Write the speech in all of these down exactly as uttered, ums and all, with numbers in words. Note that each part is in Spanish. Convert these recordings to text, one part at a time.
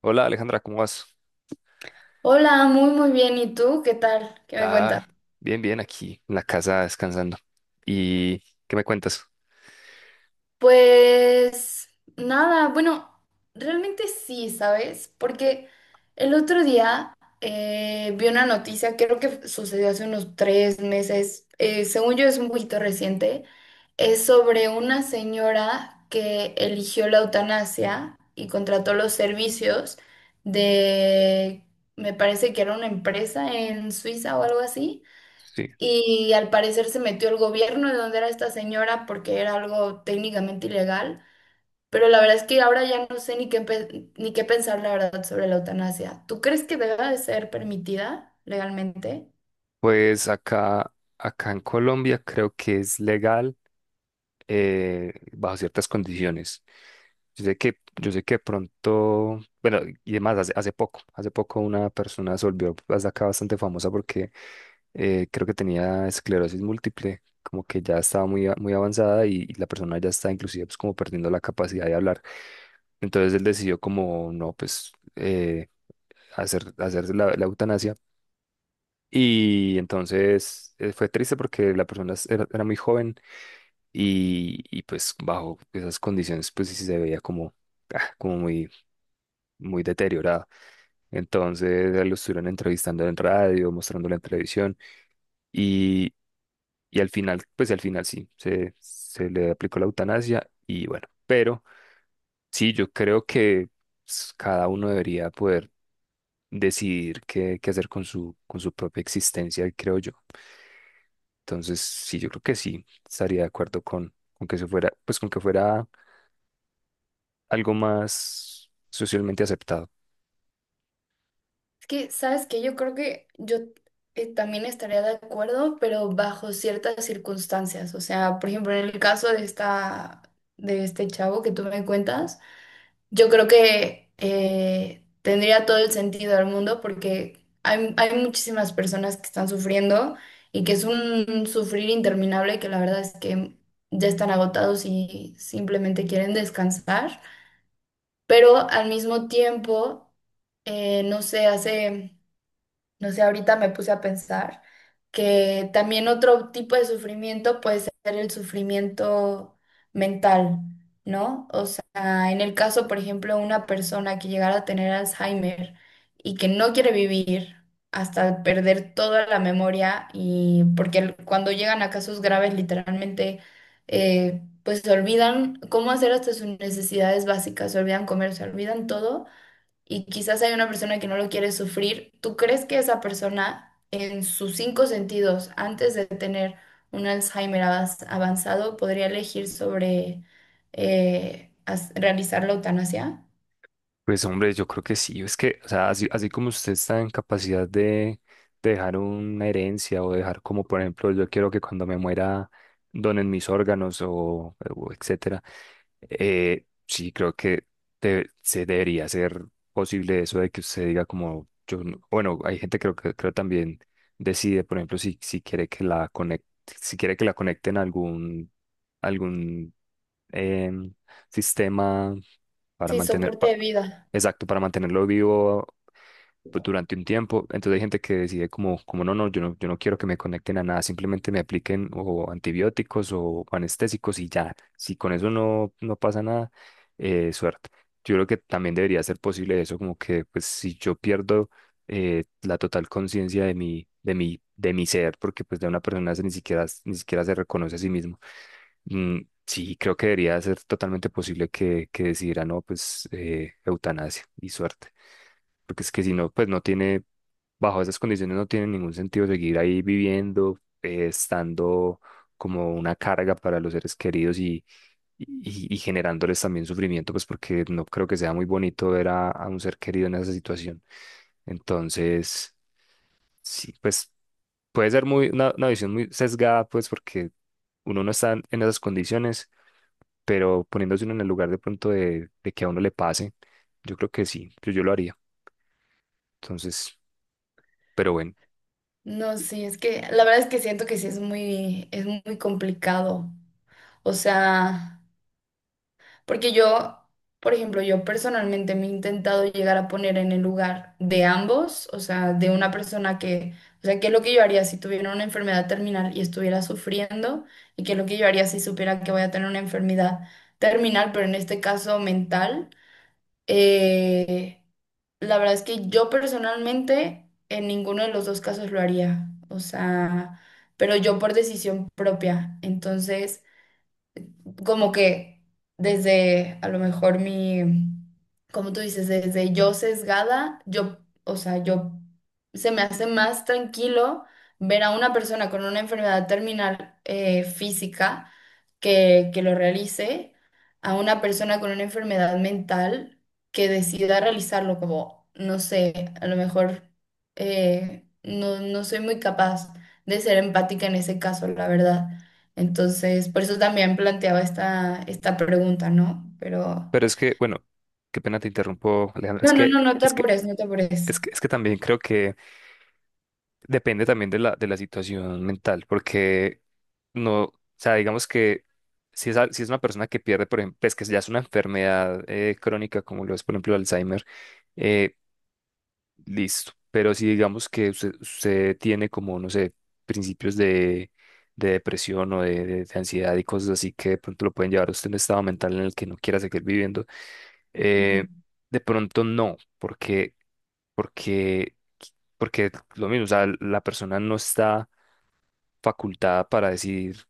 Hola Alejandra, ¿cómo vas? Hola, muy muy bien. ¿Y tú? ¿Qué tal? ¿Qué me cuentas? Ah, bien, bien, aquí en la casa descansando. ¿Y qué me cuentas? Pues nada, bueno, realmente sí, ¿sabes? Porque el otro día eh, vi una noticia, creo que sucedió hace unos tres meses. Eh, según yo es un poquito reciente, es sobre una señora que eligió la eutanasia y contrató los servicios de... Me parece que era una empresa en Suiza o algo así. Sí, Y al parecer se metió el gobierno de donde era esta señora porque era algo técnicamente ilegal. Pero la verdad es que ahora ya no sé ni qué, pe- ni qué pensar, la verdad, sobre la eutanasia. ¿Tú crees que deba de ser permitida legalmente? pues acá, acá en Colombia creo que es legal eh, bajo ciertas condiciones. Yo sé que, yo sé que pronto, bueno, y además hace, hace poco, hace poco una persona se volvió hasta acá bastante famosa porque eh, creo que tenía esclerosis múltiple, como que ya estaba muy, a- muy avanzada y, y la persona ya está inclusive pues, como perdiendo la capacidad de hablar. Entonces él decidió como, no, pues eh, hacer, hacerse la, la eutanasia. Y entonces eh, fue triste porque la persona es- era, era muy joven y, y, pues bajo esas condiciones pues sí se veía como, ah, como muy, muy deteriorada. Entonces eh, lo estuvieron entrevistando en radio, mostrándolo en televisión y, y al final, pues al final sí, se, se le aplicó la eutanasia y bueno, pero sí, yo creo que pues, cada uno debería poder decidir qué, qué hacer con su, con su propia existencia, creo yo. Entonces, sí, yo creo que sí, estaría de acuerdo con, con que eso fuera, pues con que fuera algo más socialmente aceptado. Es que, ¿sabes qué? Yo creo que yo eh, también estaría de acuerdo, pero bajo ciertas circunstancias. O sea, por ejemplo, en el caso de esta, de este chavo que tú me cuentas. Yo creo que eh, tendría todo el sentido del mundo, porque hay, hay muchísimas personas que están sufriendo y que es un sufrir interminable, que la verdad es que ya están agotados y simplemente quieren descansar. Pero al mismo tiempo, eh, no sé, hace... No sé, ahorita me puse a pensar que también otro tipo de sufrimiento puede ser el sufrimiento mental, ¿no? O sea, en el caso, por ejemplo, de una persona que llegara a tener Alzheimer y que no quiere vivir hasta perder toda la memoria, y porque el- cuando llegan a casos graves, literalmente, eh, pues se olvidan cómo hacer hasta sus necesidades básicas, se olvidan comer, se olvidan todo, y quizás hay una persona que no lo quiere sufrir. ¿Tú crees que esa persona en sus cinco sentidos, antes de tener un Alzheimer avas- avanzado, podría elegir sobre eh, as- realizar la eutanasia? Pues hombre, yo creo que sí, es que, o sea, así, así como usted está en capacidad de, de dejar una herencia o dejar como, por ejemplo, yo quiero que cuando me muera donen mis órganos o, o etcétera, eh, sí creo que de- se debería ser posible eso de que usted diga como, yo, no- bueno, hay gente creo que creo también decide, por ejemplo, si, si quiere que la conec- si quiere que la conecten a algún, algún em, sistema para Sí, mantener, soporte pa- de vida. exacto, para mantenerlo vivo pues, durante un tiempo. Entonces hay gente que decide como, como no, no, yo no, yo no quiero que me conecten a nada, simplemente me apliquen o antibióticos o anestésicos y ya. Si con eso no, no pasa nada, eh, suerte. Yo creo que también debería ser posible eso, como que pues si yo pierdo eh, la total conciencia de mi, de mi, de mi ser, porque pues de una persona se ni siquiera, ni siquiera se reconoce a sí mismo. Mm, sí, creo que debería ser totalmente posible que, que decidiera, no, pues eh, eutanasia y suerte, porque es que si no, pues no tiene, bajo esas condiciones no tiene ningún sentido seguir ahí viviendo, eh, estando como una carga para los seres queridos y, y, y generándoles también sufrimiento, pues porque no creo que sea muy bonito ver a, a un ser querido en esa situación. Entonces, sí, pues puede ser muy, una, una visión muy sesgada, pues porque uno no está en esas condiciones, pero poniéndose uno en el lugar de pronto de, de que a uno le pase, yo creo que sí, yo, yo lo haría. Entonces, pero bueno. No, sí, es que la verdad es que siento que sí es muy, es muy complicado. O sea... Porque yo, por ejemplo, yo personalmente me he intentado llegar a poner en el lugar de ambos, o sea, de una persona que... O sea, qué es lo que yo haría si tuviera una enfermedad terminal y estuviera sufriendo, y qué es lo que yo haría si supiera que voy a tener una enfermedad terminal, pero en este caso mental. Eh, la verdad es que yo personalmente en ninguno de los dos casos lo haría, o sea, pero yo por decisión propia. Entonces como que desde a lo mejor mi, como tú dices, desde yo sesgada, yo, o sea, yo se me hace más tranquilo ver a una persona con una enfermedad terminal eh, física que, que lo realice, a una persona con una enfermedad mental que decida realizarlo, como, no sé, a lo mejor eh, no, no soy muy capaz de ser empática en ese caso, la verdad. Entonces, por eso también planteaba esta, esta pregunta, ¿no? Pero Pero es que, bueno, qué pena te interrumpo, Alejandra. Es no, no, que, no, no te es que, apures, no te apures. es que, es que también creo que depende también de la, de la situación mental, porque no, o sea, digamos que si es, al- si es una persona que pierde, por ejemplo, es que ya es una enfermedad eh, crónica, como lo es, por ejemplo, el Alzheimer, eh, listo. Pero si digamos que usted, usted tiene como, no sé, principios de, de depresión o de, de de ansiedad y cosas así, que de pronto lo pueden llevar a usted en un estado mental en el que no quiera seguir viviendo, eh, Ujú. de pronto no, porque, porque, porque lo mismo, o sea, la persona no está facultada para decidir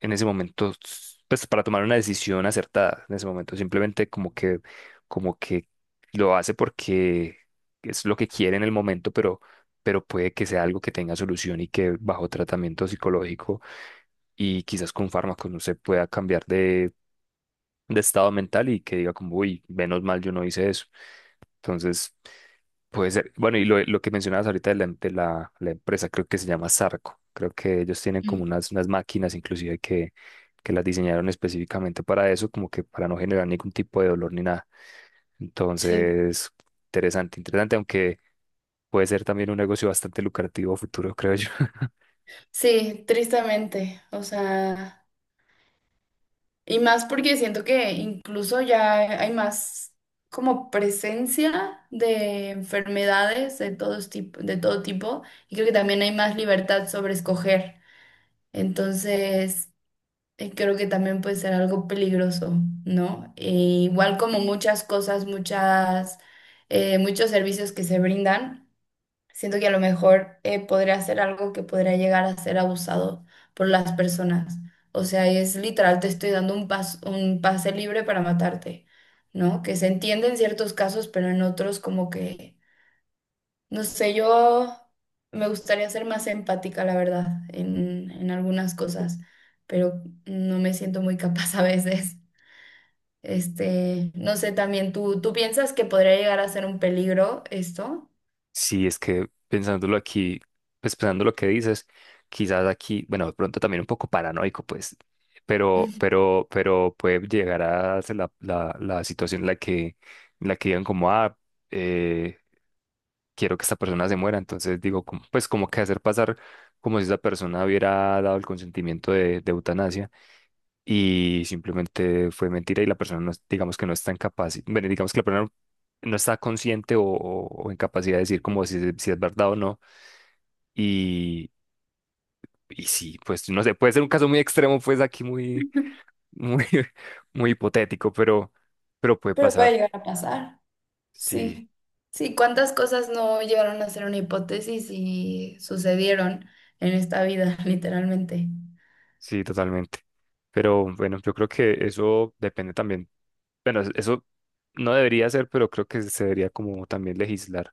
en ese momento, pues para tomar una decisión acertada en ese momento, simplemente como que, como que lo hace porque es lo que quiere en el momento, pero, pero puede que sea algo que tenga solución y que bajo tratamiento psicológico y quizás con fármacos no se pueda cambiar de estado mental y que diga como, uy, menos mal yo no hice eso. Entonces, puede ser, bueno, y lo, lo que mencionabas ahorita de la, de la, la empresa, creo que se llama Sarco. Creo que ellos tienen como Mm. unas, unas máquinas inclusive que, que las diseñaron específicamente para eso, como que para no generar ningún tipo de dolor ni nada. Sí, Entonces, interesante, interesante, aunque puede ser también un negocio bastante lucrativo a futuro, creo yo. sí, tristemente. O sea, y más porque siento que incluso ya hay más como presencia de enfermedades de todos tipo, de todo tipo, y creo que también hay más libertad sobre escoger. Entonces, eh, creo que también puede ser algo peligroso, ¿no? E igual como muchas cosas, muchas, eh, muchos servicios que se brindan, siento que a lo mejor eh, podría ser algo que podría llegar a ser abusado por las personas. O sea, es literal, te estoy dando un pas- un pase libre para matarte, ¿no? Que se entiende en ciertos casos, pero en otros como que no sé, yo me gustaría ser más empática, la verdad, en, en algunas cosas, pero no me siento muy capaz a veces. Este, no sé, también tú, ¿tú piensas que podría llegar a ser un peligro esto? Sí, es que pensándolo aquí, pues pensando lo que dices, quizás aquí, bueno, de pronto también un poco paranoico, pues, pero, pero, pero puede llegar a ser la, la, la situación en la que, en la que digan como, ah, eh, quiero que esta persona se muera, entonces digo, como- pues como que hacer pasar como si esa persona hubiera dado el consentimiento de, de eutanasia y simplemente fue mentira y la persona no, es- digamos que no está incapaz, bueno, digamos que la persona no está consciente o, o- o en capacidad de decir como si, es- si es verdad o no. Y, y sí, pues no sé, puede ser un caso muy extremo, pues aquí muy, muy, muy hipotético, pero, pero puede Pero puede pasar. llegar a pasar. Sí. Sí. Sí, ¿cuántas cosas no llegaron a ser una hipótesis y sucedieron en esta vida, literalmente? Sí, totalmente. Pero bueno, yo creo que eso depende también. Bueno, es- eso no debería ser, pero creo que se debería como también legislar,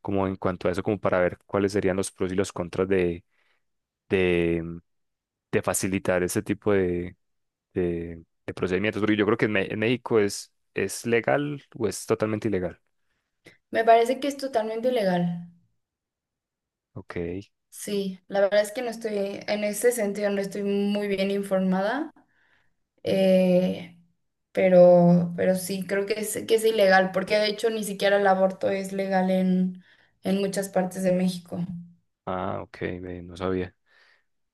como en cuanto a eso, como para ver cuáles serían los pros y los contras de, de, mm, de facilitar ese tipo de, de, de procedimientos. Porque yo creo que en, Me- en México es, es legal o es totalmente ilegal. Me parece que es totalmente ilegal. Ok. Sí, la verdad es que no estoy, en ese sentido no estoy muy bien informada, eh, pero, pero sí, creo que es, que es ilegal, porque de hecho ni siquiera el aborto es legal en, en muchas partes de México. Ah, ok, ve, no sabía.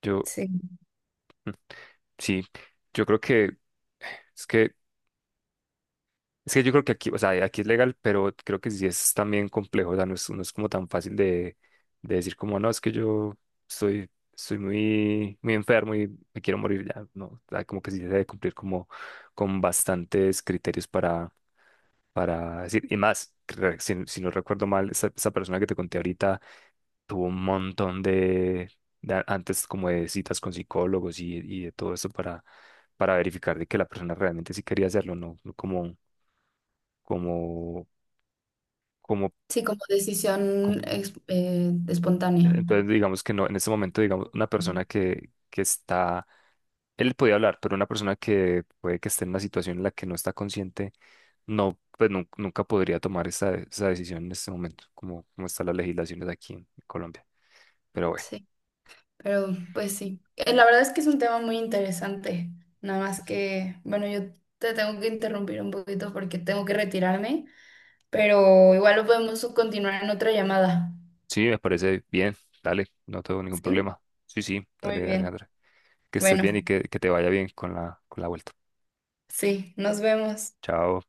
Yo, Sí, mm, sí, yo creo que es que Es que yo creo que aquí, o sea, aquí es legal, pero creo que sí es también complejo, o sea, no es, no es como tan fácil de, de decir como, no, es que yo estoy, estoy muy, muy enfermo y me quiero morir ya, no, o sea, como que sí se debe cumplir como con bastantes criterios para, para decir, y más, que re- si, si no recuerdo mal, esa, esa persona que te conté ahorita tuvo un montón de, de a- antes, como de citas con psicólogos y, y de todo eso para, para verificar de que la persona realmente sí quería hacerlo, no no como, como, como, sí, como decisión como- ex- eh, espontánea. entonces digamos que no, en este momento, digamos, una Ujú. persona que, que está, él podía hablar, pero una persona que puede que esté en una situación en la que no está consciente, no, pues nun- nunca podría tomar esa, esa decisión en este momento, como, como están las legislaciones aquí en Colombia. Pero bueno. Sí, pero pues sí. Eh, la verdad es que es un tema muy interesante, nada más que, bueno, yo te tengo que interrumpir un poquito porque tengo que retirarme. Pero igual lo podemos continuar en otra llamada. Sí, me parece bien. Dale, no tengo ningún ¿Sí? problema. Sí, sí, Muy dale, bien. Alejandra. Que estés Bueno, bien y que, que te vaya bien con la, con la vuelta. sí, nos vemos. Chao.